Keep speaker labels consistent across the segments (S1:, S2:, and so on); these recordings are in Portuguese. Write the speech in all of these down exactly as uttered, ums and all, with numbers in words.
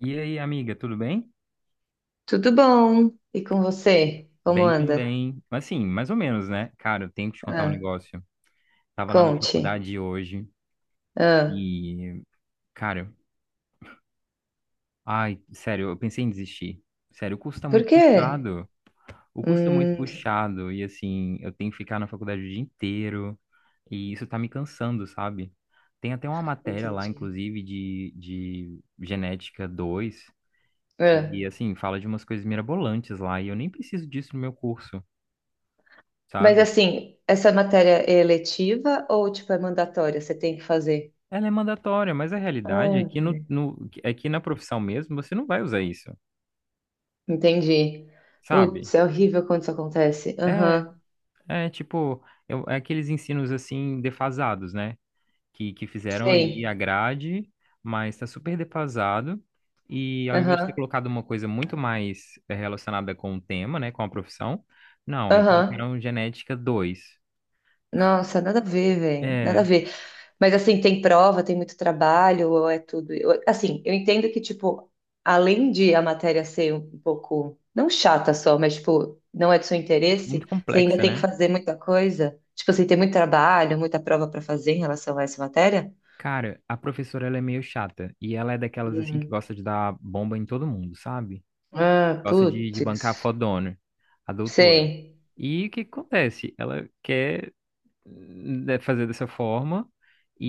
S1: E aí, amiga, tudo bem?
S2: Tudo bom? E com você? Como
S1: Bem
S2: anda?
S1: também. Assim, mais ou menos, né? Cara, eu tenho que te contar um
S2: Ah,
S1: negócio. Tava lá na
S2: conte.
S1: faculdade hoje
S2: Ah,
S1: e, cara, ai, sério, eu pensei em desistir. Sério, o curso tá
S2: por
S1: muito
S2: quê?
S1: puxado. O curso tá muito
S2: Hum,
S1: puxado e, assim, eu tenho que ficar na faculdade o dia inteiro e isso tá me cansando, sabe? Tem até uma matéria lá,
S2: Entendi.
S1: inclusive, de, de genética dois
S2: Ah,
S1: que, assim, fala de umas coisas mirabolantes lá e eu nem preciso disso no meu curso.
S2: mas
S1: Sabe?
S2: assim, essa matéria é eletiva ou tipo é mandatória? Você tem que fazer?
S1: Ela é mandatória, mas a realidade é
S2: Ah,
S1: que, no, no, é que na profissão mesmo você não vai usar isso,
S2: entendi.
S1: sabe?
S2: Putz, é horrível quando isso acontece.
S1: É,
S2: Aham,
S1: é tipo, eu- é aqueles ensinos assim defasados, né? Que, que fizeram ali a
S2: sei.
S1: grade, mas está super defasado. E ao invés de ter
S2: Aham,
S1: colocado uma coisa muito mais eh, relacionada com o tema, né? Com a profissão, não, e
S2: aham.
S1: colocaram genética dois.
S2: Nossa, nada a ver, velho. Nada a
S1: É
S2: ver. Mas assim, tem prova, tem muito trabalho, ou é tudo. eu- assim, eu entendo que, tipo, além de a matéria ser um pouco, não chata só, mas, tipo, não é do seu
S1: muito
S2: interesse, você ainda
S1: complexa,
S2: tem que
S1: né?
S2: fazer muita coisa. Tipo assim, tem muito trabalho, muita prova para fazer em relação a essa matéria?
S1: Cara, a professora ela é meio chata e ela é daquelas assim que
S2: Hum.
S1: gosta de dar bomba em todo mundo, sabe?
S2: Ah,
S1: Gosta de, de bancar a
S2: putz.
S1: fodona, a doutora.
S2: Sei.
S1: E o que que acontece? Ela quer, né, fazer dessa forma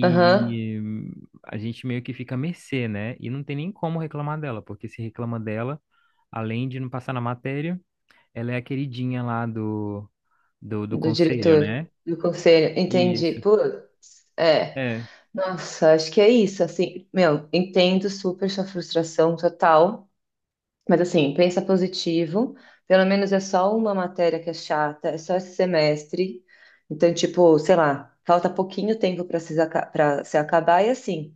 S2: Aham.
S1: hum, a gente meio que fica à mercê, né? E não tem nem como reclamar dela, porque se reclama dela, além de não passar na matéria, ela é a queridinha lá do, do, do
S2: Do
S1: conselho,
S2: diretor,
S1: né?
S2: do conselho. Entendi.
S1: Isso.
S2: Putz. É.
S1: É.
S2: Nossa, acho que é isso. Assim, meu, entendo super sua frustração total. Mas assim, pensa positivo. Pelo menos é só uma matéria que é chata, é só esse semestre. Então, tipo, sei lá, falta pouquinho tempo para se, aca- pra se acabar e assim,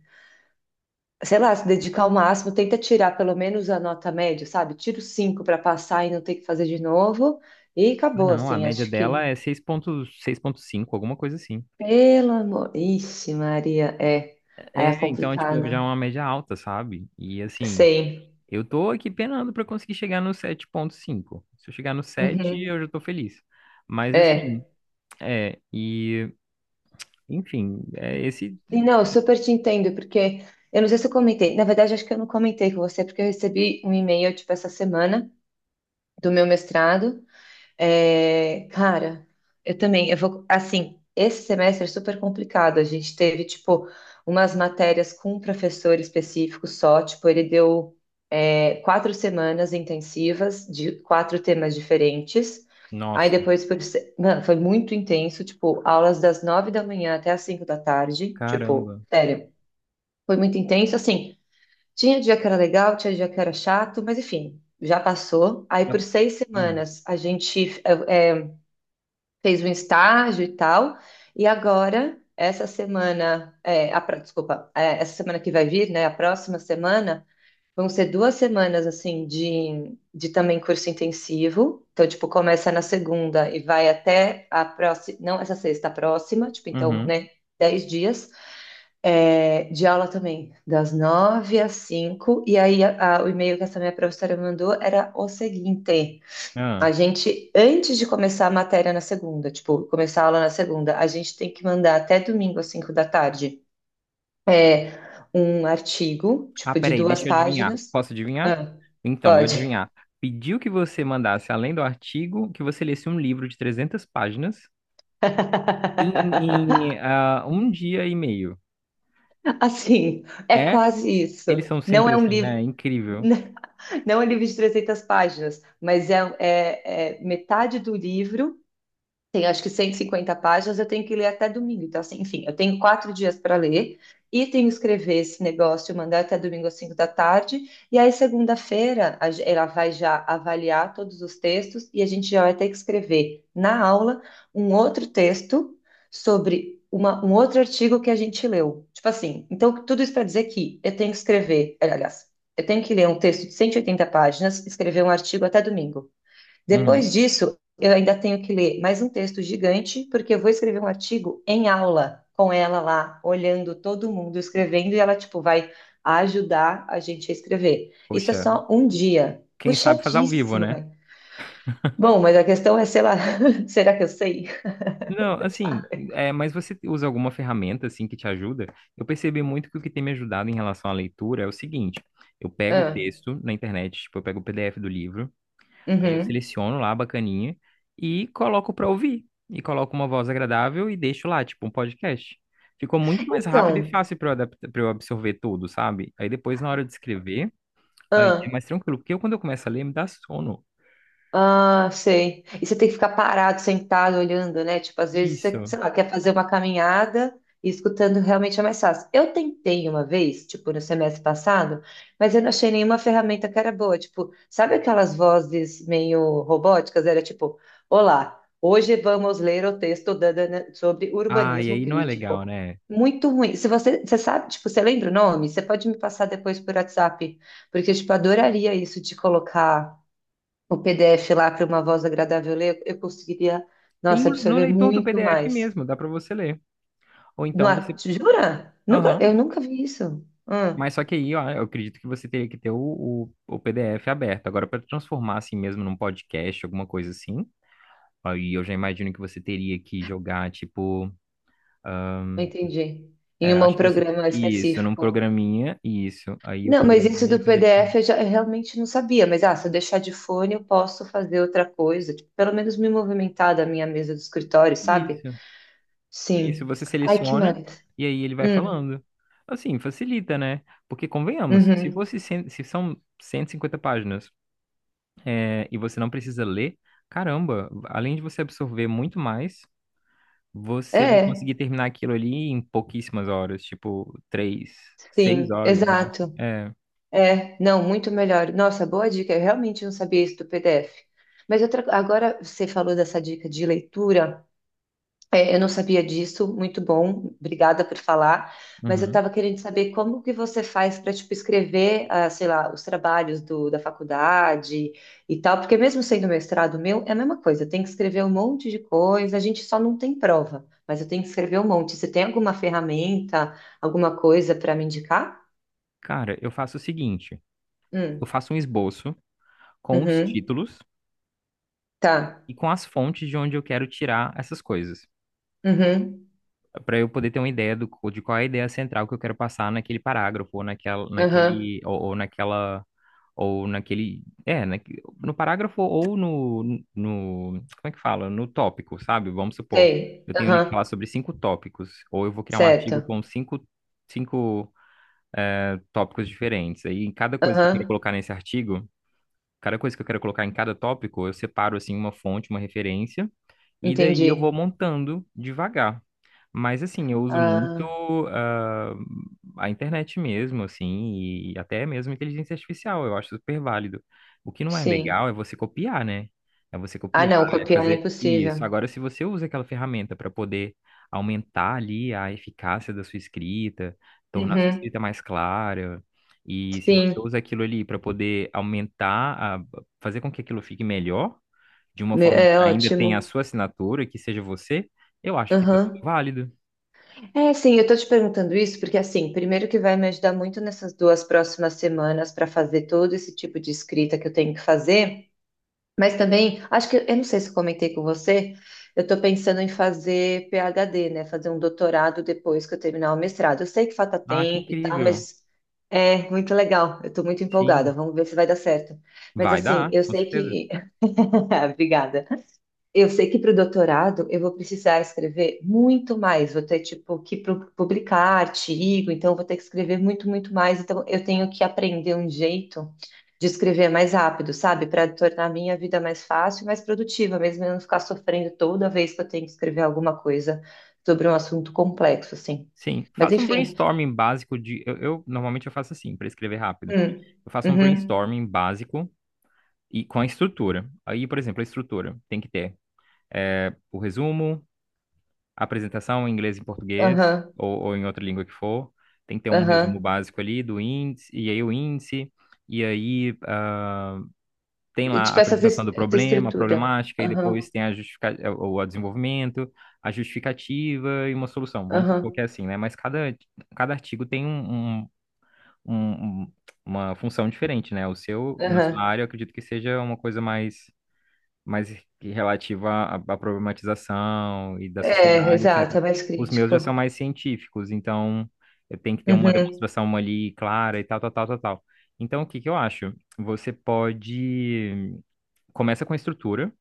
S2: sei lá, se dedicar ao máximo, tenta tirar pelo menos a nota média, sabe? Tira os cinco para passar e não ter que fazer de novo. E
S1: Ah,
S2: acabou,
S1: não, a
S2: assim,
S1: média
S2: acho
S1: dela
S2: que.
S1: é seis ponto seis, seis ponto cinco, alguma coisa assim.
S2: Pelo amor. Ixi, Maria, é. Aí é
S1: É, então, é, tipo, já é
S2: complicado.
S1: uma média alta, sabe? E assim,
S2: Sei.
S1: eu tô aqui penando para conseguir chegar no sete ponto cinco. Se eu chegar no sete,
S2: Uhum.
S1: eu já tô feliz. Mas assim,
S2: É.
S1: é, e enfim, é esse.
S2: Sim, Não, eu super te entendo, porque eu não sei se eu comentei, na verdade acho que eu não comentei com você, porque eu recebi um e-mail, tipo, essa semana, do meu mestrado. É, cara, eu também, eu vou, assim, esse semestre é super complicado, a gente teve, tipo, umas matérias com um professor específico só, tipo, ele deu, é, quatro semanas intensivas de quatro temas diferentes, aí
S1: Nossa,
S2: depois, foi, mano, foi muito intenso, tipo, aulas das nove da manhã até as cinco da tarde, tipo,
S1: caramba.
S2: sério. Foi muito intenso. Assim, tinha dia que era legal, tinha dia que era chato, mas enfim, já passou. Aí
S1: Já-
S2: por seis
S1: Hum.
S2: semanas a gente eh, eh, fez um estágio e tal. E agora, essa semana, eh, a, pró- desculpa, eh, essa semana que vai vir, né? A próxima semana, vão ser duas semanas assim de, de também curso intensivo. Então, tipo, começa na segunda e vai até a próxima, não essa sexta, a próxima, tipo, então,
S1: Uhum.
S2: né? Dez dias. É, de aula também, das nove às cinco. E aí, a- a- o e-mail que essa minha professora mandou era o seguinte:
S1: Ah.
S2: a gente, antes de começar a matéria na segunda, tipo, começar a aula na segunda, a gente tem que mandar até domingo às cinco da tarde é um artigo,
S1: Ah,
S2: tipo, de
S1: peraí,
S2: duas
S1: deixa eu adivinhar.
S2: páginas.
S1: Posso adivinhar?
S2: Ah,
S1: Então, vou
S2: pode.
S1: adivinhar. Pediu que você mandasse, além do artigo, que você lesse um livro de trezentas páginas em, em, ah, um dia e meio.
S2: Assim, é
S1: É?
S2: quase isso.
S1: Eles são
S2: Não
S1: sempre
S2: é um
S1: assim, né?
S2: livro.
S1: Incrível.
S2: Não é um livro de trezentas páginas, mas é, é, é metade do livro tem acho que cento e cinquenta páginas, eu tenho que ler até domingo. Então, assim, enfim, eu tenho quatro dias para ler e tenho que escrever esse negócio, mandar até domingo às cinco da tarde. E aí, segunda-feira, a ge- ela vai já avaliar todos os textos e a gente já vai ter que escrever na aula um outro texto sobre uma, um outro artigo que a gente leu. Tipo assim, então, tudo isso para dizer que eu tenho que escrever, aliás, eu tenho que ler um texto de cento e oitenta páginas, escrever um artigo até domingo.
S1: Uhum.
S2: Depois disso, eu ainda tenho que ler mais um texto gigante, porque eu vou escrever um artigo em aula com ela lá, olhando todo mundo escrevendo, e ela, tipo, vai ajudar a gente a escrever. Isso é
S1: Poxa,
S2: só um dia.
S1: quem sabe faz ao vivo,
S2: Puxadíssimo,
S1: né?
S2: velho. Bom, mas a questão é, sei lá, será que eu sei?
S1: Não, assim,
S2: Sabe?
S1: é, mas você usa alguma ferramenta assim que te ajuda? Eu percebi muito que o que tem me ajudado em relação à leitura é o seguinte: eu pego o
S2: Ah,
S1: texto na internet, tipo, eu pego o P D F do livro, aí eu
S2: uhum.
S1: seleciono lá a bacaninha e coloco pra ouvir. E coloco uma voz agradável e deixo lá, tipo, um podcast. Ficou muito mais rápido e
S2: Então,
S1: fácil para eu adaptar, para eu absorver tudo, sabe? Aí depois, na hora de escrever, aí é
S2: ah,
S1: mais tranquilo, porque eu, quando eu começo a ler, me dá sono.
S2: Ah, sei. E você tem que ficar parado, sentado, olhando, né? Tipo, às vezes você,
S1: Isso.
S2: sei lá, quer fazer uma caminhada e escutando realmente é mais fácil. Eu tentei uma vez, tipo, no semestre passado, mas eu não achei nenhuma ferramenta que era boa. Tipo, sabe aquelas vozes meio robóticas? Era tipo, olá, hoje vamos ler o texto da Dana sobre
S1: Ah, e
S2: urbanismo
S1: aí não é legal,
S2: crítico.
S1: né?
S2: Muito ruim. Se você, você sabe, tipo, você lembra o nome? Você pode me passar depois por WhatsApp, porque, tipo, adoraria isso de colocar o P D F lá para uma voz agradável ler, eu conseguiria,
S1: Tem
S2: nossa,
S1: o- no
S2: absorver
S1: leitor do
S2: muito
S1: P D F
S2: mais.
S1: mesmo, dá para você ler. Ou
S2: Não,
S1: então
S2: há-
S1: você.
S2: jura? Nunca, eu
S1: Aham.
S2: nunca vi isso. Ah,
S1: Mas só que aí, ó, eu acredito que você teria que ter o, o, o P D F aberto. Agora, para transformar assim mesmo num podcast, alguma coisa assim, aí eu já imagino que você teria que jogar, tipo. ah,
S2: entendi. Em
S1: É,
S2: uma- um
S1: acho que você.
S2: programa
S1: Isso, num
S2: específico.
S1: programinha, isso. Aí o
S2: Não, mas isso
S1: programinha ia
S2: do
S1: fazer edição.
S2: P D F eu, já, eu realmente não sabia. Mas ah, se eu deixar de fone, eu posso fazer outra coisa. Tipo, pelo menos me movimentar da minha mesa do escritório, sabe?
S1: Isso, isso.
S2: Sim.
S1: Você
S2: Ai, que
S1: seleciona
S2: mais?
S1: e aí ele vai
S2: Hum,
S1: falando. Assim, facilita, né? Porque, convenhamos, se
S2: uhum.
S1: fosse, cem- se são cento e cinquenta páginas, é, e você não precisa ler, caramba, além de você absorver muito mais, você vai
S2: É,
S1: conseguir terminar aquilo ali em pouquíssimas horas, tipo, três, seis
S2: sim,
S1: horas no máximo.
S2: exato.
S1: É,
S2: É, não, muito melhor. Nossa, boa dica. Eu realmente não sabia isso do P D F. Mas outra, agora você falou dessa dica de leitura. É, eu não sabia disso. Muito bom. Obrigada por falar. Mas eu
S1: uhum.
S2: estava querendo saber como que você faz para, tipo, escrever, ah, sei lá, os trabalhos do, da faculdade e tal. Porque mesmo sendo mestrado meu, é a mesma coisa. Eu tenho que escrever um monte de coisa. A gente só não tem prova. Mas eu tenho que escrever um monte. Você tem alguma ferramenta, alguma coisa para me indicar?
S1: Cara, eu faço o seguinte,
S2: Hum,
S1: eu faço um esboço com os
S2: uhum,
S1: títulos
S2: tá.
S1: e com as fontes de onde eu quero tirar essas coisas,
S2: Uhum.
S1: para eu poder ter uma ideia do, co- de qual é a ideia central que eu quero passar naquele parágrafo, ou naquela,
S2: Aham.
S1: naquele, ou, ou naquela, ou naquele, é, naque- no parágrafo ou no, no, como é que fala? No tópico, sabe? Vamos supor,
S2: Sei.
S1: eu tenho ali que falar
S2: Aham.
S1: sobre cinco tópicos, ou eu vou criar um artigo
S2: Certo.
S1: com cinco, cinco eh, tópicos diferentes. Aí, em cada coisa que eu quero
S2: Aham.
S1: colocar nesse artigo, cada coisa que eu quero colocar em cada tópico, eu separo, assim, uma fonte, uma referência, e daí eu vou
S2: Entendi.
S1: montando devagar. Mas assim, eu uso muito
S2: Ah,
S1: ah, a internet mesmo, assim, e até mesmo inteligência artificial, eu acho super válido. O que não é
S2: sim.
S1: legal é você copiar, né? É você
S2: Ah,
S1: copiar,
S2: não,
S1: é
S2: copiar é
S1: fazer isso.
S2: impossível.
S1: Agora, se você usa aquela ferramenta para poder aumentar ali a eficácia da sua escrita, tornar a sua
S2: Uhum.
S1: escrita mais clara, e se você
S2: Sim.
S1: usa aquilo ali para poder aumentar, a, fazer com que aquilo fique melhor, de uma
S2: Me-
S1: forma
S2: É
S1: que ainda tenha a
S2: ótimo.
S1: sua assinatura, que seja você, eu acho que tá tudo
S2: Aham.
S1: válido.
S2: É, sim, eu tô te perguntando isso porque, assim, primeiro que vai me ajudar muito nessas duas próximas semanas para fazer todo esse tipo de escrita que eu tenho que fazer. Mas também, acho que, eu não sei se eu comentei com você, eu estou pensando em fazer PhD, né? Fazer um doutorado depois que eu terminar o mestrado. Eu sei que falta
S1: Ah, que
S2: tempo e tal,
S1: incrível.
S2: mas é muito legal. Eu estou muito empolgada.
S1: Sim,
S2: Vamos ver se vai dar certo. Mas
S1: vai
S2: assim,
S1: dar,
S2: eu
S1: com
S2: sei
S1: certeza.
S2: que. Obrigada. Eu sei que para o doutorado eu vou precisar escrever muito mais, vou ter tipo que pu- publicar artigo, então eu vou ter que escrever muito, muito mais. Então eu tenho que aprender um jeito de escrever mais rápido, sabe? Para tornar a minha vida mais fácil e mais produtiva, mesmo eu não ficar sofrendo toda vez que eu tenho que escrever alguma coisa sobre um assunto complexo, assim.
S1: Sim,
S2: Mas
S1: faça um
S2: enfim.
S1: brainstorming básico de. Eu, eu- normalmente eu faço assim, para escrever rápido.
S2: Hum,
S1: Eu faço um
S2: uhum,
S1: brainstorming básico e com a estrutura. Aí, por exemplo, a estrutura tem que ter é, o resumo, a apresentação em inglês e em português,
S2: aham,
S1: ou, ou em outra língua que for. Tem que ter um resumo
S2: aham.
S1: básico ali do índice, e aí o índice, e aí, ah, tem
S2: E,
S1: lá a
S2: Tipo essa,
S1: apresentação
S2: vis-
S1: do
S2: essa
S1: problema, a
S2: estrutura.
S1: problemática, e
S2: Aham,
S1: depois tem a justifica... é, o o desenvolvimento, a justificativa e uma solução. Vamos supor
S2: aham,
S1: que é assim, né? Mas cada, cada artigo tem um, um- um- um- uma função diferente, né? O seu, na sua
S2: aham.
S1: área, eu acredito que seja uma coisa mais, mais que relativa à, à problematização e da
S2: É,
S1: sociedade,
S2: exato,
S1: et cetera.
S2: é mais
S1: Os meus já são
S2: crítico.
S1: mais científicos, então eu tenho que ter uma
S2: Uhum,
S1: demonstração ali clara e tal, tal, tal, tal, tal. Então, o que que eu acho? Você pode. Começa com a estrutura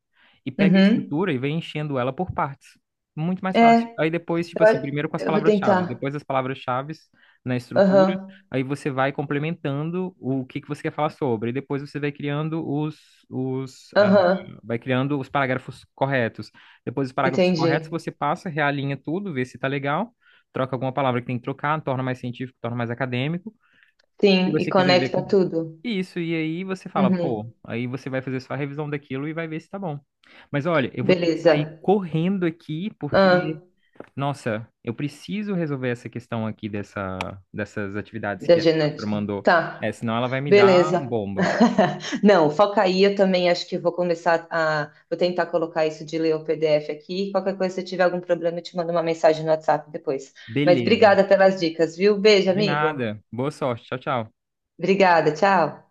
S1: e pega a
S2: uhum.
S1: estrutura e vem enchendo ela por partes. Muito mais fácil.
S2: É,
S1: Aí depois, tipo
S2: eu,
S1: assim,
S2: a-
S1: primeiro com as
S2: eu vou
S1: palavras-chave,
S2: tentar.
S1: depois as palavras-chave na estrutura,
S2: Aham,
S1: aí você vai complementando o que que você quer falar sobre, e depois você vai criando os, os, ah,
S2: aham,
S1: vai criando os parágrafos corretos. Depois dos parágrafos corretos,
S2: entendi.
S1: você passa, realinha tudo, vê se tá legal, troca alguma palavra que tem que trocar, torna mais científico, torna mais acadêmico. Se
S2: Sim, e
S1: você quiser ver
S2: conecta tudo.
S1: isso, e aí você fala, pô,
S2: Uhum,
S1: aí você vai fazer só a revisão daquilo e vai ver se tá bom. Mas olha, eu vou ter que sair
S2: beleza.
S1: correndo aqui
S2: Ah,
S1: porque, nossa, eu preciso resolver essa questão aqui dessa, dessas atividades
S2: da
S1: que a professora
S2: genética.
S1: mandou. É,
S2: Tá,
S1: senão ela vai me dar
S2: beleza.
S1: bomba.
S2: Não, foca aí, eu também acho que vou começar a... Vou tentar colocar isso de ler o P D F aqui. Qualquer coisa, se eu tiver algum problema, eu te mando uma mensagem no WhatsApp depois. Mas
S1: Beleza.
S2: obrigada pelas dicas, viu? Beijo,
S1: De
S2: amigo.
S1: nada. Boa sorte. Tchau, tchau.
S2: Obrigada, tchau.